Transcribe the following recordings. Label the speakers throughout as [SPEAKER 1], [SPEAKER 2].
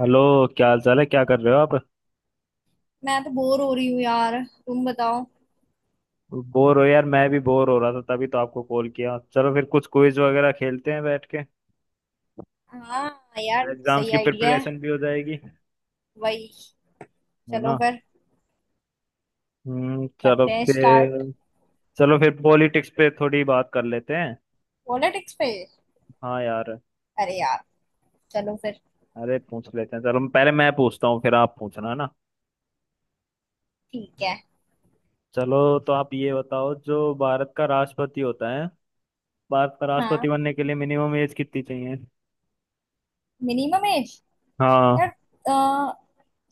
[SPEAKER 1] Hello. क्या हाल चाल है? क्या कर रहे हो आप?
[SPEAKER 2] मैं तो बोर हो रही हूँ यार। तुम बताओ।
[SPEAKER 1] बोर हो यार? मैं भी बोर हो रहा था तभी तो आपको कॉल किया। चलो फिर कुछ क्विज वगैरह खेलते हैं बैठ के।
[SPEAKER 2] हाँ यार,
[SPEAKER 1] एग्जाम्स
[SPEAKER 2] सही
[SPEAKER 1] की
[SPEAKER 2] आइडिया है।
[SPEAKER 1] प्रिपरेशन भी हो जाएगी।
[SPEAKER 2] वही।
[SPEAKER 1] है
[SPEAKER 2] चलो
[SPEAKER 1] ना?
[SPEAKER 2] फिर
[SPEAKER 1] हम्म चलो
[SPEAKER 2] करते हैं
[SPEAKER 1] फिर
[SPEAKER 2] स्टार्ट।
[SPEAKER 1] चलो फिर पॉलिटिक्स पे थोड़ी बात कर लेते हैं।
[SPEAKER 2] पॉलिटिक्स पे?
[SPEAKER 1] हाँ यार।
[SPEAKER 2] अरे यार, चलो फिर।
[SPEAKER 1] अरे, पूछ लेते हैं चलो। पहले मैं पूछता हूँ फिर आप पूछना, है ना?
[SPEAKER 2] ठीक है।
[SPEAKER 1] चलो, तो आप ये बताओ, जो भारत का राष्ट्रपति होता है, भारत का राष्ट्रपति
[SPEAKER 2] हाँ।
[SPEAKER 1] बनने के लिए मिनिमम एज कितनी चाहिए?
[SPEAKER 2] Minimum age.
[SPEAKER 1] हाँ।
[SPEAKER 2] यार, अ,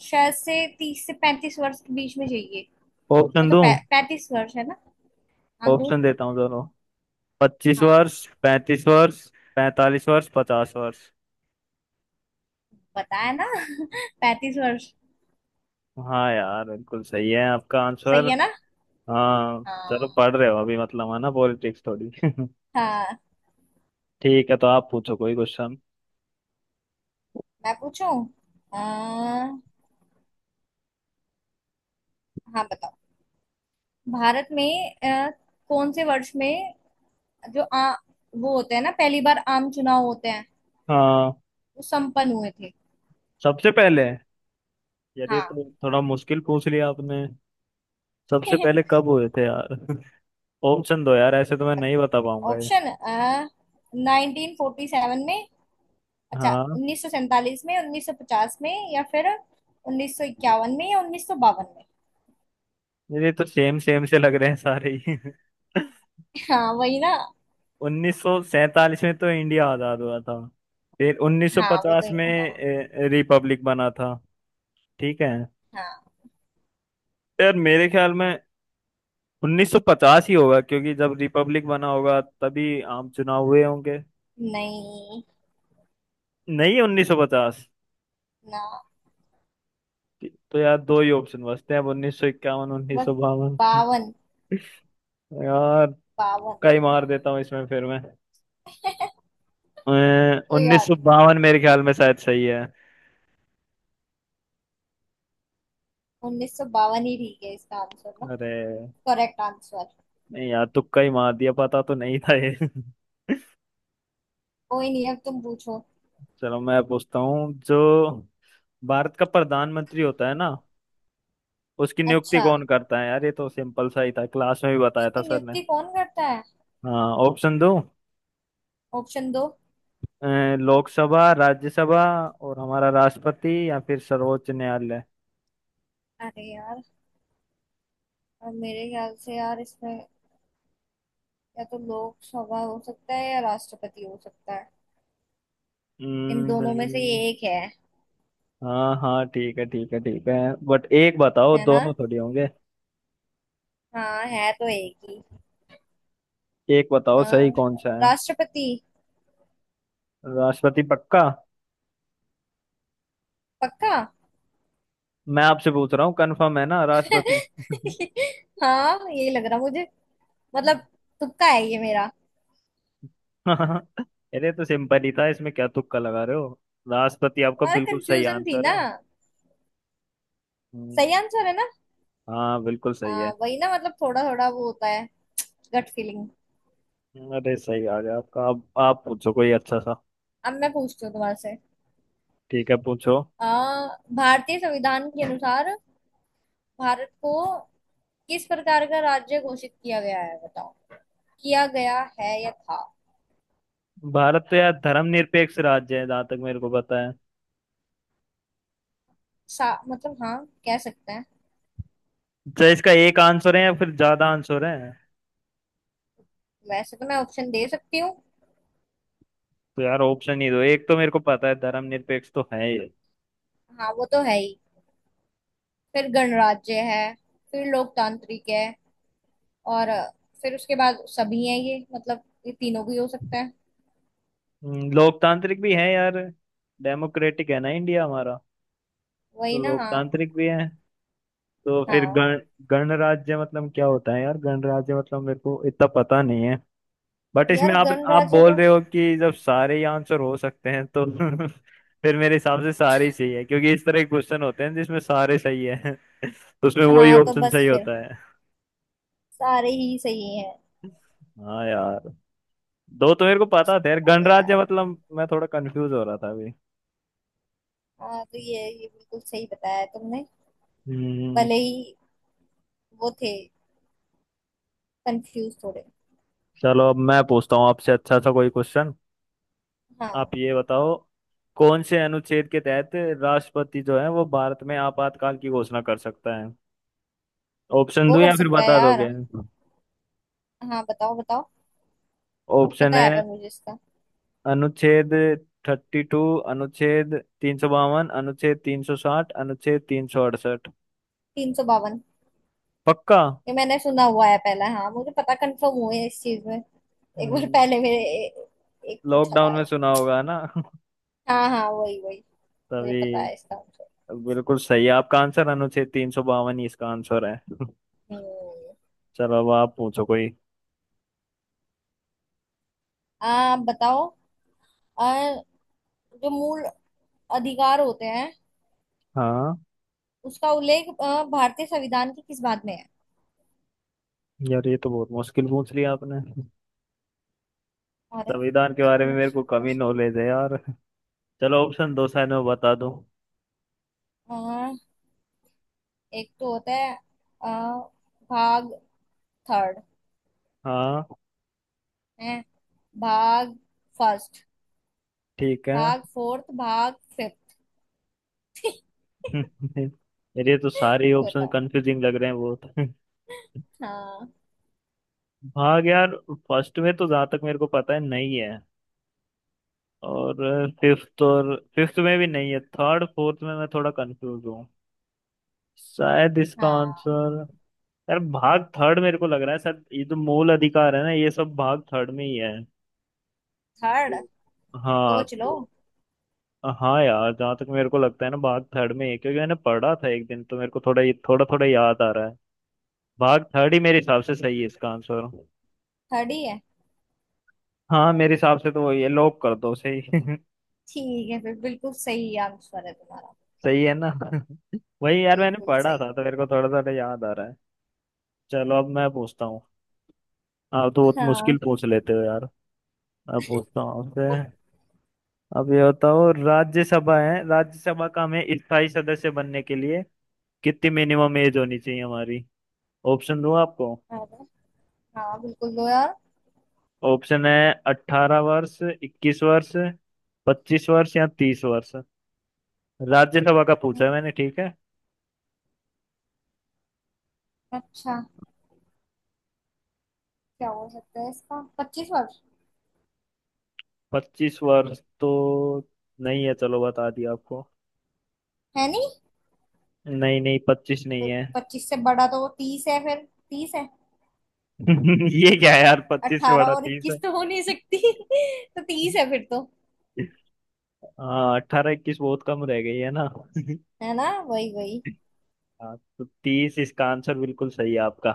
[SPEAKER 2] शायद से 30 से 35 वर्ष के बीच में चाहिए। ये
[SPEAKER 1] ऑप्शन
[SPEAKER 2] तो
[SPEAKER 1] दूं?
[SPEAKER 2] पै, पैंतीस वर्ष है ना। हाँ, दो।
[SPEAKER 1] ऑप्शन देता हूँ चलो। पच्चीस
[SPEAKER 2] हाँ,
[SPEAKER 1] वर्ष 35 वर्ष, 45 वर्ष, 50 वर्ष।
[SPEAKER 2] बताया ना। 35 वर्ष।
[SPEAKER 1] हाँ यार बिल्कुल सही है आपका आंसर।
[SPEAKER 2] सही है ना।
[SPEAKER 1] हाँ। चलो
[SPEAKER 2] हाँ।
[SPEAKER 1] पढ़ रहे हो अभी मतलब, है ना? पॉलिटिक्स थोड़ी।
[SPEAKER 2] हाँ।
[SPEAKER 1] ठीक है, तो आप पूछो कोई क्वेश्चन।
[SPEAKER 2] मैं पूछूं? हाँ, बताओ। भारत में कौन से वर्ष में, जो वो होते हैं ना पहली बार आम चुनाव होते हैं,
[SPEAKER 1] हाँ,
[SPEAKER 2] वो संपन्न हुए थे।
[SPEAKER 1] सबसे पहले। यदि
[SPEAKER 2] हाँ।
[SPEAKER 1] तो थोड़ा मुश्किल पूछ लिया आपने। सबसे पहले कब हुए थे यार? ऑप्शन दो यार, ऐसे तो मैं नहीं बता पाऊंगा ये।
[SPEAKER 2] ऑप्शन। 1947 में। अच्छा।
[SPEAKER 1] हाँ,
[SPEAKER 2] 1947 में, 1950 में, या फिर 1951 में, या उन्नीस सौ बावन में।
[SPEAKER 1] ये तो सेम सेम से लग रहे हैं सारे ही।
[SPEAKER 2] हाँ, वही ना।
[SPEAKER 1] 1947 में तो इंडिया आजाद हुआ था। फिर
[SPEAKER 2] हाँ, वो तो।
[SPEAKER 1] 1950
[SPEAKER 2] हाँ।
[SPEAKER 1] में रिपब्लिक बना था। ठीक है।
[SPEAKER 2] हाँ।
[SPEAKER 1] यार मेरे ख्याल में 1950 ही होगा, क्योंकि जब रिपब्लिक बना होगा तभी आम चुनाव हुए होंगे।
[SPEAKER 2] नहीं।
[SPEAKER 1] नहीं 1950।
[SPEAKER 2] ना।
[SPEAKER 1] तो यार दो ही ऑप्शन बचते हैं अब, 1951,
[SPEAKER 2] बस।
[SPEAKER 1] 1952।
[SPEAKER 2] बावन।
[SPEAKER 1] यार
[SPEAKER 2] बावन
[SPEAKER 1] कई
[SPEAKER 2] है।
[SPEAKER 1] मार देता हूँ इसमें फिर मैं।
[SPEAKER 2] कोई
[SPEAKER 1] उन्नीस
[SPEAKER 2] बात
[SPEAKER 1] सौ
[SPEAKER 2] नहीं।
[SPEAKER 1] बावन मेरे ख्याल में शायद सही है।
[SPEAKER 2] 1952 ही ठीक है इसका आंसर ना।
[SPEAKER 1] अरे
[SPEAKER 2] करेक्ट आंसर।
[SPEAKER 1] नहीं यार, तुक्का ही मार दिया, पता तो नहीं था ये।
[SPEAKER 2] कोई नहीं, अब तुम पूछो।
[SPEAKER 1] चलो मैं पूछता हूँ। जो भारत का प्रधानमंत्री होता है ना, उसकी नियुक्ति
[SPEAKER 2] अच्छा।
[SPEAKER 1] कौन करता है? यार ये तो सिंपल सा ही था, क्लास में भी बताया था
[SPEAKER 2] इसकी
[SPEAKER 1] सर ने।
[SPEAKER 2] नियुक्ति कौन करता है?
[SPEAKER 1] हाँ ऑप्शन दो।
[SPEAKER 2] ऑप्शन दो।
[SPEAKER 1] अ, लोकसभा, राज्यसभा, और हमारा राष्ट्रपति, या फिर सर्वोच्च न्यायालय।
[SPEAKER 2] अरे यार, अब मेरे ख्याल से यार इसमें या तो लोकसभा हो सकता है या राष्ट्रपति हो सकता है। इन दोनों में से ये
[SPEAKER 1] नहीं।
[SPEAKER 2] एक है।
[SPEAKER 1] हाँ, हाँ, ठीक है, ठीक है, ठीक है। बट एक बताओ,
[SPEAKER 2] है ना।
[SPEAKER 1] दोनों थोड़ी होंगे।
[SPEAKER 2] हाँ, है तो एक ही।
[SPEAKER 1] एक
[SPEAKER 2] अ,
[SPEAKER 1] बताओ सही कौन सा है।
[SPEAKER 2] राष्ट्रपति।
[SPEAKER 1] राष्ट्रपति? पक्का?
[SPEAKER 2] पक्का।
[SPEAKER 1] मैं आपसे पूछ रहा हूँ, कंफर्म है ना? राष्ट्रपति।
[SPEAKER 2] हाँ, यही लग रहा मुझे। मतलब, तुक्का है ये मेरा।
[SPEAKER 1] अरे तो सिंपल ही था इसमें, क्या तुक्का लगा रहे हो? राष्ट्रपति आपका
[SPEAKER 2] तुम्हारा
[SPEAKER 1] बिल्कुल सही
[SPEAKER 2] कंफ्यूजन थी
[SPEAKER 1] आंसर
[SPEAKER 2] ना।
[SPEAKER 1] है। हम्म,
[SPEAKER 2] सही आंसर है ना।
[SPEAKER 1] हाँ बिल्कुल सही
[SPEAKER 2] हाँ,
[SPEAKER 1] है।
[SPEAKER 2] वही ना। मतलब थोड़ा थोड़ा वो होता है, गट फीलिंग।
[SPEAKER 1] अरे सही आ गया आपका। अब आप पूछो कोई अच्छा सा।
[SPEAKER 2] अब मैं पूछती हूँ तुम्हारे से।
[SPEAKER 1] ठीक है, पूछो।
[SPEAKER 2] आ, भारतीय संविधान के अनुसार भारत को किस प्रकार का राज्य घोषित किया गया है, बताओ। किया गया है या था?
[SPEAKER 1] भारत तो यार धर्मनिरपेक्ष राज्य है जहां तक मेरे को पता है।
[SPEAKER 2] मतलब हाँ, कह सकते हैं।
[SPEAKER 1] चाहे इसका एक आंसर है या फिर ज्यादा आंसर है?
[SPEAKER 2] वैसे तो मैं ऑप्शन दे सकती हूँ।
[SPEAKER 1] तो यार ऑप्शन ही दो, एक तो मेरे को पता है धर्मनिरपेक्ष तो है ये।
[SPEAKER 2] हाँ, वो तो है ही। फिर गणराज्य है, फिर लोकतांत्रिक है, और फिर उसके बाद सभी हैं। ये मतलब ये तीनों भी हो सकते हैं।
[SPEAKER 1] लोकतांत्रिक भी है यार। डेमोक्रेटिक है ना इंडिया हमारा। तो
[SPEAKER 2] वही ना। हाँ।
[SPEAKER 1] लोकतांत्रिक भी है। तो फिर
[SPEAKER 2] हाँ
[SPEAKER 1] गण गणराज्य मतलब क्या होता है यार? गणराज्य मतलब मेरे को इतना पता नहीं है। बट इसमें
[SPEAKER 2] यार,
[SPEAKER 1] आप
[SPEAKER 2] गणराज्य
[SPEAKER 1] बोल
[SPEAKER 2] तो।
[SPEAKER 1] रहे हो कि जब सारे ही आंसर हो सकते हैं तो, फिर मेरे हिसाब से सारे ही सही है, क्योंकि इस तरह के क्वेश्चन होते हैं जिसमें सारे सही है। तो उसमें वही
[SPEAKER 2] हाँ, तो
[SPEAKER 1] ऑप्शन
[SPEAKER 2] बस
[SPEAKER 1] सही
[SPEAKER 2] फिर
[SPEAKER 1] होता है।
[SPEAKER 2] सारे ही सही हैं।
[SPEAKER 1] हाँ यार, दो तो मेरे को पता था यार,
[SPEAKER 2] अरे यार।
[SPEAKER 1] गणराज्य मतलब मैं थोड़ा कंफ्यूज हो रहा था अभी।
[SPEAKER 2] हाँ, तो ये बिल्कुल सही बताया तुमने।
[SPEAKER 1] हम्म।
[SPEAKER 2] भले ही वो थे कंफ्यूज थोड़े।
[SPEAKER 1] चलो, अब मैं पूछता हूँ आपसे अच्छा सा कोई क्वेश्चन।
[SPEAKER 2] हाँ,
[SPEAKER 1] आप ये बताओ, कौन से अनुच्छेद के तहत राष्ट्रपति जो है वो भारत में आपातकाल की घोषणा कर सकता है? ऑप्शन
[SPEAKER 2] वो
[SPEAKER 1] दूं
[SPEAKER 2] कर
[SPEAKER 1] या फिर
[SPEAKER 2] सकता है
[SPEAKER 1] बता दोगे?
[SPEAKER 2] यार। हाँ, बताओ बताओ।
[SPEAKER 1] ऑप्शन
[SPEAKER 2] पता है,
[SPEAKER 1] है।
[SPEAKER 2] पर मुझे इसका।
[SPEAKER 1] अनुच्छेद 32, अनुच्छेद 352, अनुच्छेद 360, अनुच्छेद 368।
[SPEAKER 2] 352।
[SPEAKER 1] पक्का?
[SPEAKER 2] ये मैंने सुना हुआ है, पहला हाँ, मुझे पता कंफर्म हुए है इस चीज में। एक बार
[SPEAKER 1] हम्म,
[SPEAKER 2] पहले एक पूछा
[SPEAKER 1] लॉकडाउन
[SPEAKER 2] था।
[SPEAKER 1] में सुना होगा ना?
[SPEAKER 2] हाँ हाँ, वही वही। मुझे पता
[SPEAKER 1] तभी
[SPEAKER 2] है इसका आंसर।
[SPEAKER 1] बिल्कुल सही है आपका आंसर, अनुच्छेद 352 ही इसका आंसर है।
[SPEAKER 2] हम्म।
[SPEAKER 1] चलो अब आप पूछो कोई।
[SPEAKER 2] हाँ, आप बताओ। अ, जो मूल अधिकार होते हैं,
[SPEAKER 1] हाँ
[SPEAKER 2] उसका उल्लेख भारतीय संविधान की किस बात में है?
[SPEAKER 1] यार ये तो बहुत मुश्किल पूछ लिया आपने।
[SPEAKER 2] अरे,
[SPEAKER 1] संविधान के
[SPEAKER 2] इसको
[SPEAKER 1] बारे में मेरे को कम ही
[SPEAKER 2] मुश्किल?
[SPEAKER 1] नॉलेज है यार। चलो ऑप्शन दो, साइड में बता दो।
[SPEAKER 2] हाँ, एक तो होता है अ, भाग थर्ड
[SPEAKER 1] हाँ
[SPEAKER 2] है, भाग फर्स्ट,
[SPEAKER 1] ठीक है।
[SPEAKER 2] भाग फोर्थ, भाग फिफ्थ।
[SPEAKER 1] मेरे तो सारे ऑप्शन
[SPEAKER 2] बताओ।
[SPEAKER 1] कंफ्यूजिंग लग रहे हैं बहुत।
[SPEAKER 2] हाँ।
[SPEAKER 1] भाग यार फर्स्ट में तो जहाँ तक मेरे को पता है नहीं है, और फिफ्थ में भी नहीं है। थर्ड फोर्थ में मैं थोड़ा कंफ्यूज हूँ, शायद इसका
[SPEAKER 2] हाँ।
[SPEAKER 1] आंसर। यार भाग थर्ड मेरे को लग रहा है, शायद ये जो मूल अधिकार है ना, ये सब भाग थर्ड में ही है।
[SPEAKER 2] थर्ड।
[SPEAKER 1] तो- हाँ
[SPEAKER 2] सोच लो।
[SPEAKER 1] तो। हाँ यार जहाँ तक मेरे को लगता है ना, भाग थर्ड में ही है, क्योंकि मैंने पढ़ा था एक दिन, तो मेरे को थोड़ा थोड़ा थोड़ा याद आ रहा है। भाग थर्ड ही मेरे हिसाब से सही है इसका आंसर।
[SPEAKER 2] थर्ड ही है।
[SPEAKER 1] हाँ मेरे हिसाब से तो वही है, लॉक कर दो सही।
[SPEAKER 2] ठीक है फिर, बिल्कुल सही आंसर है तुम्हारा।
[SPEAKER 1] सही है ना? वही यार मैंने
[SPEAKER 2] बिल्कुल
[SPEAKER 1] पढ़ा था
[SPEAKER 2] सही।
[SPEAKER 1] तो मेरे को थोड़ा थोड़ा याद आ रहा है। चलो अब मैं पूछता हूँ। आप तो बहुत मुश्किल
[SPEAKER 2] हाँ।
[SPEAKER 1] पूछ लेते हो यार। अब पूछता हूँ आपसे। अब ये बताओ, राज्यसभा का हमें स्थायी सदस्य बनने के लिए कितनी मिनिमम एज होनी चाहिए हमारी? ऑप्शन दूँ आपको?
[SPEAKER 2] अरे, हाँ बिल्कुल दो यार।
[SPEAKER 1] ऑप्शन है। 18 वर्ष, 21 वर्ष, 25 वर्ष या 30 वर्ष। राज्यसभा का पूछा है मैंने, ठीक है?
[SPEAKER 2] अच्छा, क्या हो सकता है इसका? 25 वर्ष?
[SPEAKER 1] 25 वर्ष तो नहीं है, चलो बता दिया आपको।
[SPEAKER 2] है नहीं?
[SPEAKER 1] नहीं नहीं, 25 नहीं
[SPEAKER 2] फिर
[SPEAKER 1] है।
[SPEAKER 2] पच्चीस से बड़ा तो तीस है फिर। तीस है।
[SPEAKER 1] ये क्या है यार, 25 से
[SPEAKER 2] अठारह
[SPEAKER 1] बड़ा
[SPEAKER 2] और
[SPEAKER 1] 30 है?
[SPEAKER 2] इक्कीस तो हो नहीं सकती। तो तीस है फिर तो।
[SPEAKER 1] हाँ, 18 21 बहुत कम रह गई है ना?
[SPEAKER 2] है ना, वही वही।
[SPEAKER 1] हाँ तो 30 इसका आंसर बिल्कुल सही है आपका।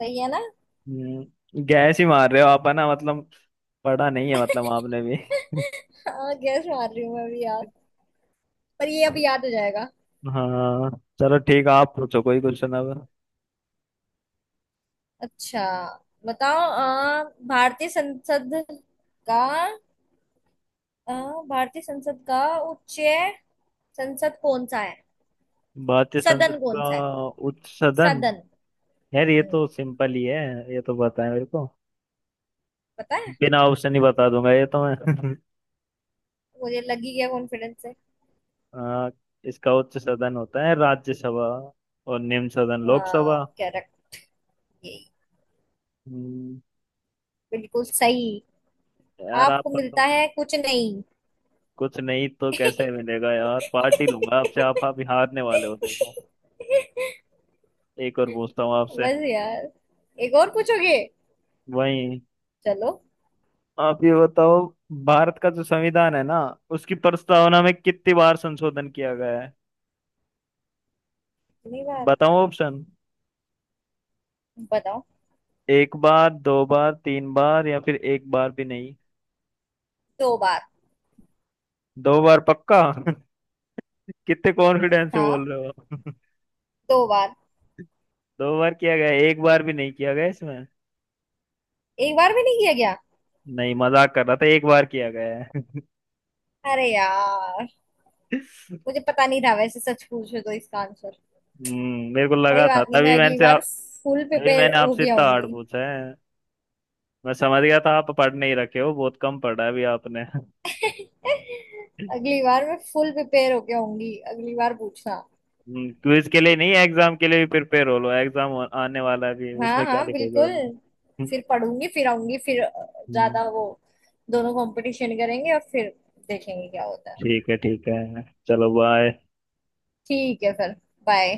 [SPEAKER 2] सही है ना।
[SPEAKER 1] गैस ही मार रहे हो आप है ना मतलब, पढ़ा नहीं है मतलब आपने भी।
[SPEAKER 2] हाँ, गैस मार रही हूँ मैं भी यार। पर ये अभी याद हो जाएगा।
[SPEAKER 1] हाँ, चलो ठीक है, आप पूछो कोई क्वेश्चन अब।
[SPEAKER 2] अच्छा, बताओ। भारतीय संसद का अ, भारतीय संसद का उच्च संसद कौन सा है?
[SPEAKER 1] भारतीय संसद
[SPEAKER 2] सदन कौन
[SPEAKER 1] का
[SPEAKER 2] सा है?
[SPEAKER 1] उच्च सदन?
[SPEAKER 2] सदन।
[SPEAKER 1] यार ये
[SPEAKER 2] हम्म।
[SPEAKER 1] तो सिंपल ही है, ये तो पता है मेरे को।
[SPEAKER 2] पता है।
[SPEAKER 1] बिना ऑप्शन ही बता दूंगा ये तो मैं।
[SPEAKER 2] मुझे लगी गया कॉन्फिडेंस से।
[SPEAKER 1] आ, इसका उच्च सदन होता है राज्यसभा, और निम्न सदन
[SPEAKER 2] हाँ,
[SPEAKER 1] लोकसभा।
[SPEAKER 2] करेक्ट। यही।
[SPEAKER 1] हम्म।
[SPEAKER 2] बिल्कुल सही।
[SPEAKER 1] यार आप
[SPEAKER 2] आपको
[SPEAKER 1] पर
[SPEAKER 2] मिलता
[SPEAKER 1] तो
[SPEAKER 2] है कुछ नहीं।
[SPEAKER 1] कुछ नहीं तो कैसे मिलेगा यार? पार्टी लूंगा आपसे, आप हारने वाले हो देखो। एक और पूछता हूँ आपसे।
[SPEAKER 2] बस यार, एक और पूछोगे?
[SPEAKER 1] वही,
[SPEAKER 2] चलो।
[SPEAKER 1] आप ये बताओ, भारत का जो संविधान है ना, उसकी प्रस्तावना में कितनी बार संशोधन किया गया है?
[SPEAKER 2] कितनी बार?
[SPEAKER 1] बताओ ऑप्शन।
[SPEAKER 2] बताओ।
[SPEAKER 1] एक बार, दो बार, तीन बार, या फिर एक बार भी नहीं।
[SPEAKER 2] दो बार।
[SPEAKER 1] दो बार पक्का? कितने कॉन्फिडेंस से
[SPEAKER 2] हाँ,
[SPEAKER 1] बोल रहे हो आप?
[SPEAKER 2] दो बार।
[SPEAKER 1] दो बार किया गया है, एक बार भी नहीं किया गया इसमें?
[SPEAKER 2] एक बार भी नहीं किया गया?
[SPEAKER 1] नहीं, मजाक कर रहा था, एक बार किया गया है।
[SPEAKER 2] अरे यार, मुझे पता नहीं था वैसे, सच पूछो तो इसका आंसर।
[SPEAKER 1] मेरे को
[SPEAKER 2] कोई
[SPEAKER 1] लगा था,
[SPEAKER 2] बात नहीं, मैं अगली बार फुल
[SPEAKER 1] तभी
[SPEAKER 2] प्रिपेयर
[SPEAKER 1] मैंने
[SPEAKER 2] हो
[SPEAKER 1] आपसे
[SPEAKER 2] गया
[SPEAKER 1] इतना हार्ड
[SPEAKER 2] होंगी।
[SPEAKER 1] पूछा है। मैं समझ गया था आप पढ़ नहीं रखे हो, बहुत कम पढ़ा है अभी आपने।
[SPEAKER 2] अगली बार मैं फुल प्रिपेयर हो गया होंगी, अगली बार पूछना।
[SPEAKER 1] क्विज के लिए नहीं, एग्जाम के लिए भी प्रिपेयर हो लो। एग्जाम आने वाला है भी,
[SPEAKER 2] हाँ
[SPEAKER 1] उसमें क्या
[SPEAKER 2] हाँ,
[SPEAKER 1] लिखोगे
[SPEAKER 2] बिल्कुल।
[SPEAKER 1] वरना?
[SPEAKER 2] फिर पढ़ूंगी, फिर आऊंगी, फिर
[SPEAKER 1] हम्म,
[SPEAKER 2] ज्यादा वो, दोनों कंपटीशन करेंगे और फिर देखेंगे क्या होता है।
[SPEAKER 1] ठीक है ठीक है, चलो बाय।
[SPEAKER 2] ठीक है फिर। बाय।